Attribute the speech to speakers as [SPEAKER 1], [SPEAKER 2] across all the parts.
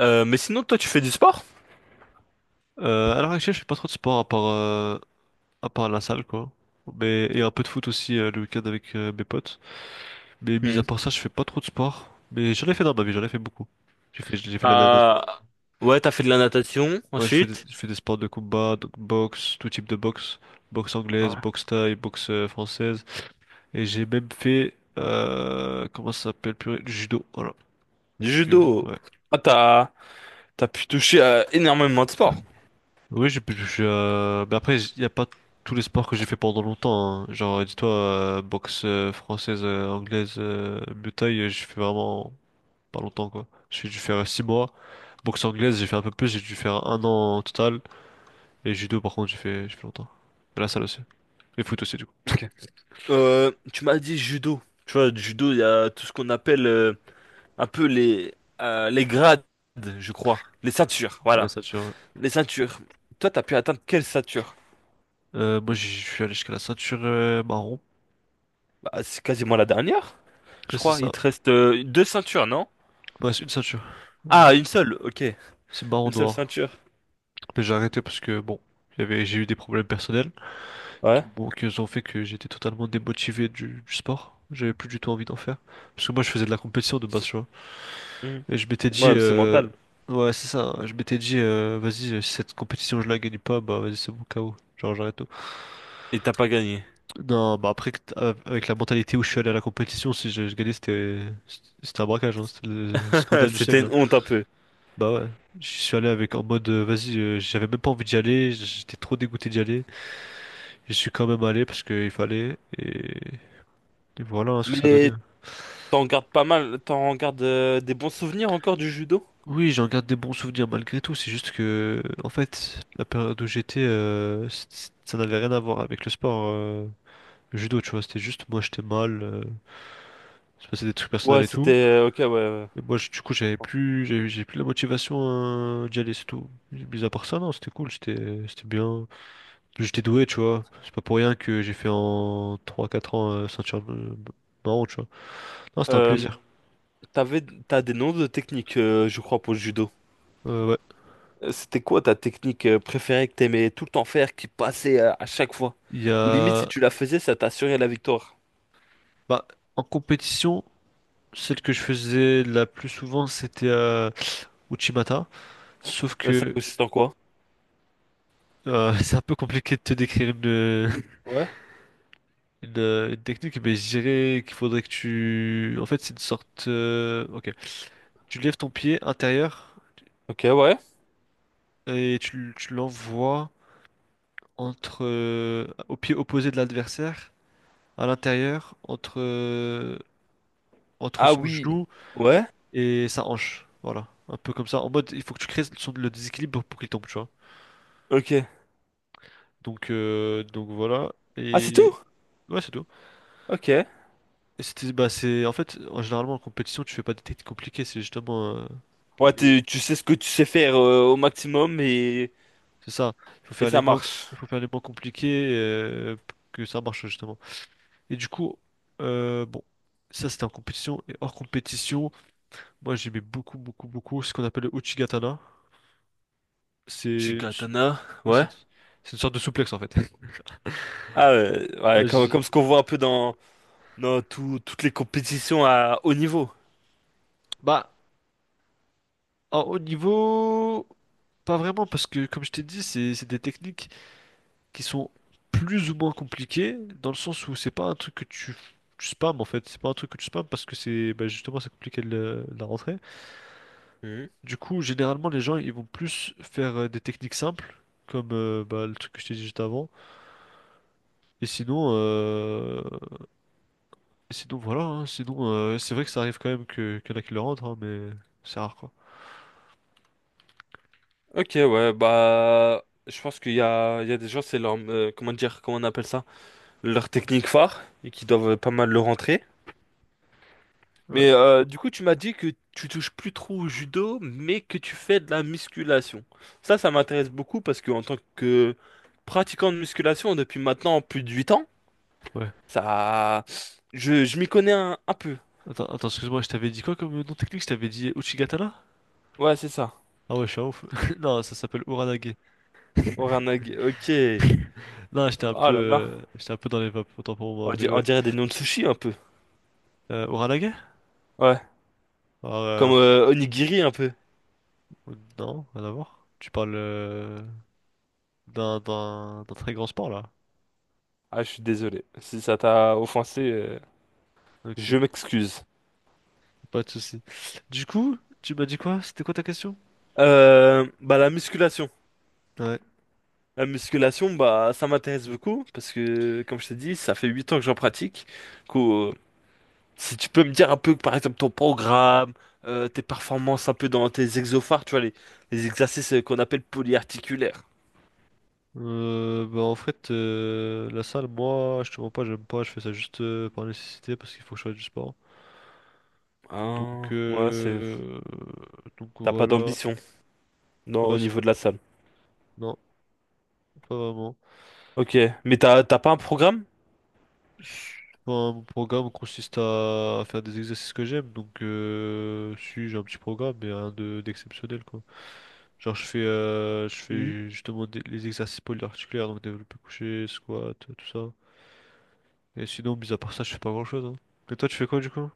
[SPEAKER 1] Mais sinon, toi, tu fais du sport?
[SPEAKER 2] À l'heure actuelle, je fais pas trop de sport à part la salle, quoi. Mais, et un peu de foot aussi le week-end avec mes potes. Mais mis
[SPEAKER 1] Hmm.
[SPEAKER 2] à part ça, je fais pas trop de sport. Mais j'en ai fait dans ma vie, j'en ai fait beaucoup. J'ai fait de la
[SPEAKER 1] Euh,
[SPEAKER 2] natation.
[SPEAKER 1] ouais, t'as fait de la natation
[SPEAKER 2] Ouais, je fais, des-
[SPEAKER 1] ensuite.
[SPEAKER 2] je fais des sports de combat, donc boxe, tout type de boxe. Boxe anglaise,
[SPEAKER 1] Ouais.
[SPEAKER 2] boxe thaï, boxe française. Et j'ai même fait, comment ça s'appelle, purée, du judo. Voilà.
[SPEAKER 1] Du judo.
[SPEAKER 2] Ouais.
[SPEAKER 1] Ah, t'as pu toucher à énormément de sports.
[SPEAKER 2] Oui, mais après, il n'y a pas tous les sports que j'ai fait pendant longtemps, hein. Genre, dis-toi, boxe française, anglaise, Muay Thai, j'ai fait vraiment pas longtemps, quoi. J'ai dû faire 6 mois. Boxe anglaise, j'ai fait un peu plus, j'ai dû faire 1 an en total. Et judo, par contre, j'ai fait longtemps. Et la salle aussi. Et foot aussi, du coup.
[SPEAKER 1] Ok. Tu m'as dit judo. Tu vois, du judo, il y a tout ce qu'on appelle un peu les grades, je crois. Les ceintures,
[SPEAKER 2] Ouais, la
[SPEAKER 1] voilà.
[SPEAKER 2] ceinture, ouais.
[SPEAKER 1] Les ceintures. Toi, t'as pu atteindre quelle ceinture?
[SPEAKER 2] Moi, je suis allé jusqu'à la ceinture marron.
[SPEAKER 1] Bah, c'est quasiment la dernière, je
[SPEAKER 2] Et c'est
[SPEAKER 1] crois.
[SPEAKER 2] ça.
[SPEAKER 1] Il te reste deux ceintures, non?
[SPEAKER 2] Ouais, c'est une ceinture. Oui.
[SPEAKER 1] Ah, une seule, ok.
[SPEAKER 2] C'est marron
[SPEAKER 1] Une seule
[SPEAKER 2] noir.
[SPEAKER 1] ceinture.
[SPEAKER 2] Mais j'ai arrêté parce que, bon, j'ai eu des problèmes personnels, qui,
[SPEAKER 1] Ouais.
[SPEAKER 2] bon, qui ont fait que j'étais totalement démotivé du sport. J'avais plus du tout envie d'en faire. Parce que moi, je faisais de la compétition de base, tu vois.
[SPEAKER 1] Hmm.
[SPEAKER 2] Et je m'étais dit,
[SPEAKER 1] Ouais, c'est mental.
[SPEAKER 2] ouais, c'est ça. Je m'étais dit, vas-y, si cette compétition, je la gagne pas, bah vas-y, c'est bon, KO. Genre, j'arrête tout.
[SPEAKER 1] Et t'as pas gagné.
[SPEAKER 2] Non, bah après, avec la mentalité où je suis allé à la compétition, si je gagnais, c'était un braquage, hein. C'était le scandale du
[SPEAKER 1] C'était
[SPEAKER 2] siècle, hein.
[SPEAKER 1] une honte un peu.
[SPEAKER 2] Bah ouais, je suis allé avec en mode, vas-y, j'avais même pas envie d'y aller, j'étais trop dégoûté d'y aller. Je suis quand même allé parce qu'il fallait, et voilà, hein, ce que ça a donné,
[SPEAKER 1] Mais
[SPEAKER 2] hein.
[SPEAKER 1] t'en gardes pas mal, t'en gardes des bons souvenirs encore du judo?
[SPEAKER 2] Oui, j'en garde des bons souvenirs malgré tout. C'est juste que, en fait, la période où j'étais, ça n'avait rien à voir avec le sport, le judo, tu vois. C'était juste moi, j'étais mal, il se passait des trucs personnels
[SPEAKER 1] Ouais,
[SPEAKER 2] et
[SPEAKER 1] c'était
[SPEAKER 2] tout.
[SPEAKER 1] ok, ouais, ouais.
[SPEAKER 2] Et moi, du
[SPEAKER 1] Je
[SPEAKER 2] coup,
[SPEAKER 1] comprends.
[SPEAKER 2] j'ai plus la motivation, d'y aller, c'est tout. Mis à part ça, non, c'était cool, c'était bien. J'étais doué, tu vois. C'est pas pour rien que j'ai fait en 3, 4 ans, ceinture marron, tu vois. Non, c'était un
[SPEAKER 1] Euh,
[SPEAKER 2] plaisir.
[SPEAKER 1] T'avais... T'as des noms de techniques, je crois, pour le judo.
[SPEAKER 2] Ouais.
[SPEAKER 1] C'était quoi ta technique préférée que t'aimais tout le temps faire, qui passait à chaque fois?
[SPEAKER 2] Il y
[SPEAKER 1] Ou limite, si
[SPEAKER 2] a,
[SPEAKER 1] tu la faisais, ça t'assurait la victoire.
[SPEAKER 2] bah, en compétition. Celle que je faisais la plus souvent, c'était Uchimata. Sauf
[SPEAKER 1] Ça
[SPEAKER 2] que
[SPEAKER 1] consiste en quoi?
[SPEAKER 2] c'est un peu compliqué de te décrire une,
[SPEAKER 1] Ouais.
[SPEAKER 2] une technique, mais je dirais qu'il faudrait que tu... En fait, c'est une sorte. Ok. Tu lèves ton pied intérieur
[SPEAKER 1] Ok, ouais.
[SPEAKER 2] et tu l'envoies entre au pied opposé de l'adversaire, à l'intérieur, entre
[SPEAKER 1] Ah
[SPEAKER 2] son
[SPEAKER 1] oui.
[SPEAKER 2] genou
[SPEAKER 1] Ouais.
[SPEAKER 2] et sa hanche. Voilà. Un peu comme ça. En mode, il faut que tu crées le déséquilibre pour qu'il tombe, tu vois.
[SPEAKER 1] Ok.
[SPEAKER 2] Donc, voilà.
[SPEAKER 1] Ah, c'est
[SPEAKER 2] Et
[SPEAKER 1] tout?
[SPEAKER 2] ouais, c'est tout.
[SPEAKER 1] Ok.
[SPEAKER 2] Et c'était, bah, c'est, en fait, en généralement, en compétition, tu fais pas des techniques compliquées, c'est justement.
[SPEAKER 1] Ouais,
[SPEAKER 2] Les-
[SPEAKER 1] tu sais ce que tu sais faire au maximum
[SPEAKER 2] C'est ça. Il faut
[SPEAKER 1] et
[SPEAKER 2] faire les
[SPEAKER 1] ça
[SPEAKER 2] moins,
[SPEAKER 1] marche.
[SPEAKER 2] il faut faire les moins compliqués pour que ça marche, justement. Et du coup, bon, ça c'était en compétition. Et hors compétition, moi j'aimais beaucoup, beaucoup, beaucoup ce qu'on appelle le Uchigatana. C'est
[SPEAKER 1] J'ai
[SPEAKER 2] une s-
[SPEAKER 1] katana,
[SPEAKER 2] ouais,
[SPEAKER 1] ouais.
[SPEAKER 2] c'est une sorte de souplex, en fait.
[SPEAKER 1] Ah ouais, ouais,
[SPEAKER 2] Ouais,
[SPEAKER 1] comme, comme ce qu'on voit un peu dans toutes les compétitions à haut niveau.
[SPEAKER 2] Bah, en haut niveau, pas vraiment, parce que comme je t'ai dit, c'est des techniques, qui sont plus ou moins compliqués, dans le sens où c'est pas un truc que tu spammes en fait, c'est pas un truc que tu spammes parce que c'est bah, justement c'est compliqué de la rentrée.
[SPEAKER 1] Mhm.
[SPEAKER 2] Du coup, généralement les gens ils vont plus faire des techniques simples, comme bah, le truc que je t'ai dit juste avant. Et sinon, euh, et sinon, voilà, hein. Sinon c'est vrai que ça arrive quand même que qu'il y en a qui le rentrent, hein, mais c'est rare, quoi.
[SPEAKER 1] Ok, ouais, bah, je pense qu'il y a des gens, c'est leur, comment dire, comment on appelle ça? Leur technique phare, et qui doivent pas mal le rentrer.
[SPEAKER 2] Ouais,
[SPEAKER 1] Mais du coup, tu m'as dit que tu touches plus trop au judo, mais que tu fais de la musculation. Ça m'intéresse beaucoup parce que en tant que pratiquant de musculation depuis maintenant plus de 8 ans,
[SPEAKER 2] ouais.
[SPEAKER 1] ça, je m'y connais un peu.
[SPEAKER 2] Attends, attends, excuse-moi, je t'avais dit quoi comme nom technique? Je t'avais dit Uchigatana?
[SPEAKER 1] Ouais, c'est ça.
[SPEAKER 2] Ah ouais, je suis un ouf. Non, ça s'appelle Uranage.
[SPEAKER 1] Oranage. Ok.
[SPEAKER 2] Non, j'étais un peu,
[SPEAKER 1] Oh là là.
[SPEAKER 2] euh, j'étais un peu dans les vapes, autant pour
[SPEAKER 1] On
[SPEAKER 2] moi,
[SPEAKER 1] di-
[SPEAKER 2] mais
[SPEAKER 1] on
[SPEAKER 2] ouais.
[SPEAKER 1] dirait, des noms de sushi un peu.
[SPEAKER 2] Uralaga?
[SPEAKER 1] Ouais.
[SPEAKER 2] Alors,
[SPEAKER 1] Comme onigiri un peu.
[SPEAKER 2] non, rien à voir. Tu parles d'un très grand sport, là.
[SPEAKER 1] Ah, je suis désolé. Si ça t'a offensé,
[SPEAKER 2] Ok,
[SPEAKER 1] je m'excuse.
[SPEAKER 2] pas de souci. Du coup, tu m'as dit quoi? C'était quoi ta question?
[SPEAKER 1] Bah, la musculation.
[SPEAKER 2] Ouais.
[SPEAKER 1] La musculation, bah, ça m'intéresse beaucoup parce que, comme je t'ai dit, ça fait 8 ans que j'en pratique. Du coup, si tu peux me dire un peu, par exemple, ton programme, tes performances un peu dans tes exophares, tu vois, les exercices qu'on appelle polyarticulaires.
[SPEAKER 2] Bah en fait, la salle, moi, je te mens pas, j'aime pas, je fais ça juste par nécessité, parce qu'il faut que je fasse du sport. Donc,
[SPEAKER 1] Ah, ouais, c'est. T'as pas
[SPEAKER 2] voilà.
[SPEAKER 1] d'ambition. Non,
[SPEAKER 2] Ouais,
[SPEAKER 1] au
[SPEAKER 2] c'est pas-
[SPEAKER 1] niveau de la salle.
[SPEAKER 2] non, pas vraiment.
[SPEAKER 1] Ok, mais t'as pas un programme?
[SPEAKER 2] Enfin, mon programme consiste à faire des exercices que j'aime, donc si j'ai un petit programme, mais rien de d'exceptionnel quoi. Genre je fais, euh, je
[SPEAKER 1] Mhm.
[SPEAKER 2] fais justement les exercices polyarticulaires, donc développé couché, squat, tout ça. Et sinon, mis à part ça, je fais pas grand-chose, hein. Et toi, tu fais quoi du coup?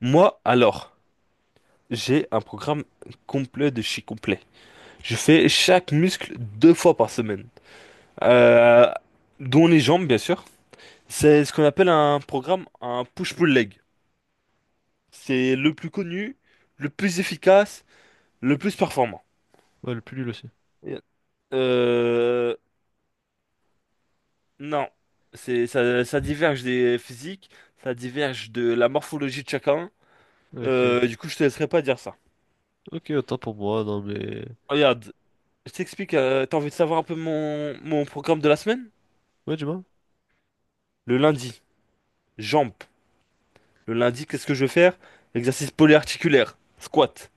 [SPEAKER 1] Moi, alors, j'ai un programme complet de chez complet. Je fais chaque muscle deux fois par semaine, Euh, dont les jambes, bien sûr. C'est ce qu'on appelle un programme, un push-pull leg. C'est le plus connu, le plus efficace, le plus performant.
[SPEAKER 2] Ouais, le plus nul aussi.
[SPEAKER 1] Yeah. Euh, non, c'est ça, ça diverge des physiques, ça diverge de la morphologie de chacun.
[SPEAKER 2] Ok, ok,
[SPEAKER 1] Du coup, je te laisserai pas dire ça.
[SPEAKER 2] ok, autant pour moi, non mais.
[SPEAKER 1] Regarde, je t'explique, t'as envie de savoir un peu mon programme de la semaine?
[SPEAKER 2] Ouais, dis-moi,
[SPEAKER 1] Le lundi, jambes. Le lundi, qu'est-ce que je vais faire? Exercice polyarticulaire, squat.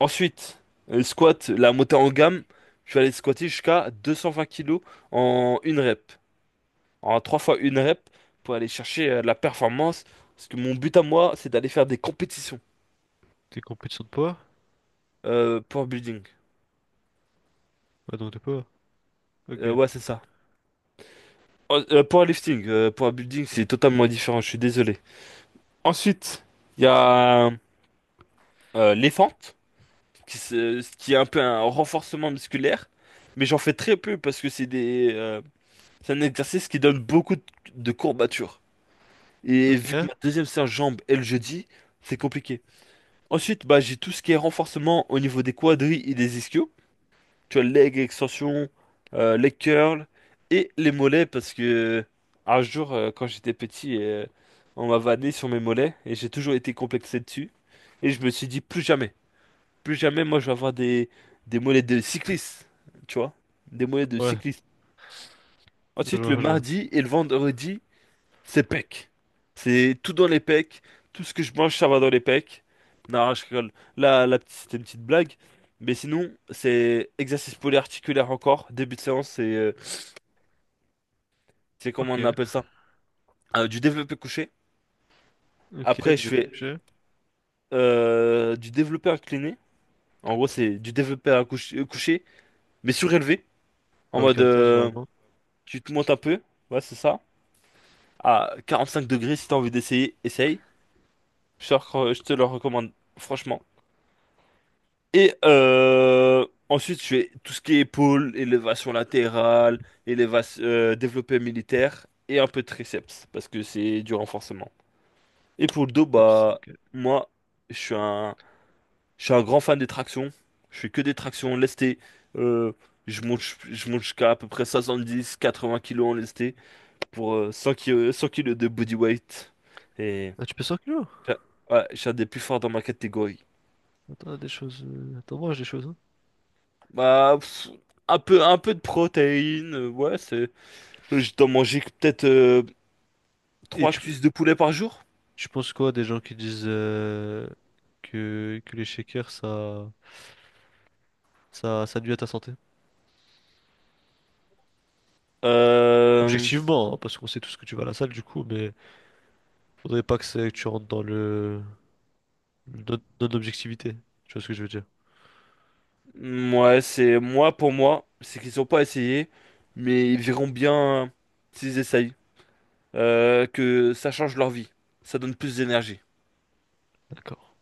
[SPEAKER 1] Ensuite, squat, la montée en gamme. Je vais aller squatter jusqu'à 220 kilos en une rep. En 3 fois une rep pour aller chercher la performance. Parce que mon but à moi, c'est d'aller faire des compétitions.
[SPEAKER 2] t'es compétition de poids?
[SPEAKER 1] Pour building.
[SPEAKER 2] Ouais, donc de poids, ok.
[SPEAKER 1] Ouais, c'est ça. Oh, powerlifting. Powerbuilding, c'est totalement différent, je suis désolé. Ensuite, il y a les fentes. Ce qui est un peu un renforcement musculaire, mais j'en fais très peu parce que c'est un exercice qui donne beaucoup de courbatures. Et
[SPEAKER 2] Ok,
[SPEAKER 1] vu que
[SPEAKER 2] ouais,
[SPEAKER 1] ma deuxième séance jambe est le jeudi, c'est compliqué. Ensuite, bah, j'ai tout ce qui est renforcement au niveau des quadris et des ischios. Tu as leg extension, leg curl et les mollets parce que un jour, quand j'étais petit, on m'a vanné sur mes mollets et j'ai toujours été complexé dessus. Et je me suis dit plus jamais. Plus jamais, moi, je vais avoir des mollets de cycliste, tu vois? Des mollets de cycliste.
[SPEAKER 2] je
[SPEAKER 1] Ensuite, le
[SPEAKER 2] vois, je vois.
[SPEAKER 1] mardi et le vendredi, c'est pecs. C'est tout dans les pecs. Tout ce que je mange, ça va dans les pecs. Non, je rigole. Là, la petite c'était une petite blague. Mais sinon, c'est exercice polyarticulaire encore. Début de séance, c'est comment
[SPEAKER 2] Ok,
[SPEAKER 1] on appelle ça? Du développé couché.
[SPEAKER 2] ok,
[SPEAKER 1] Après, je
[SPEAKER 2] j'ai
[SPEAKER 1] fais
[SPEAKER 2] couché.
[SPEAKER 1] du développé incliné. En gros, c'est du développé couché, mais surélevé. En
[SPEAKER 2] Avec
[SPEAKER 1] mode,
[SPEAKER 2] haltère généralement.
[SPEAKER 1] tu te montes un peu, ouais, c'est ça. À 45 degrés, si t'as envie d'essayer, essaye. Je te le recommande, franchement. Et ensuite, je fais tout ce qui est épaule, élévation latérale, élévation, développé militaire et un peu de triceps, parce que c'est du renforcement. Et pour le dos, bah,
[SPEAKER 2] Yep.
[SPEAKER 1] moi, je suis un, je suis un grand fan des tractions. Je fais que des tractions lestées. Euh, je monte jusqu'à à peu près 70-80 kilos en lesté. Pour 100 kilos, 100 kilos de body weight. Et
[SPEAKER 2] Ah, tu peux s'inclure?
[SPEAKER 1] j'a- ouais, je un des plus forts dans ma catégorie.
[SPEAKER 2] Attends, des choses, attends, mange des choses, hein.
[SPEAKER 1] Bah, pff, un peu de protéines, ouais, c'est. Je dois manger que peut-être
[SPEAKER 2] Et
[SPEAKER 1] trois
[SPEAKER 2] tu,
[SPEAKER 1] cuisses de poulet par jour.
[SPEAKER 2] tu penses quoi des gens qui disent que les shakers ça, ça nuit à ta santé?
[SPEAKER 1] Euh,
[SPEAKER 2] Objectivement, hein, parce qu'on sait tous que tu vas à la salle du coup, mais faudrait pas que, que tu rentres dans le non-objectivité. Tu vois ce que je veux dire?
[SPEAKER 1] ouais, c'est moi pour moi, c'est qu'ils ont pas essayé, mais ils verront bien s'ils essayent, que ça change leur vie, ça donne plus d'énergie.
[SPEAKER 2] D'accord.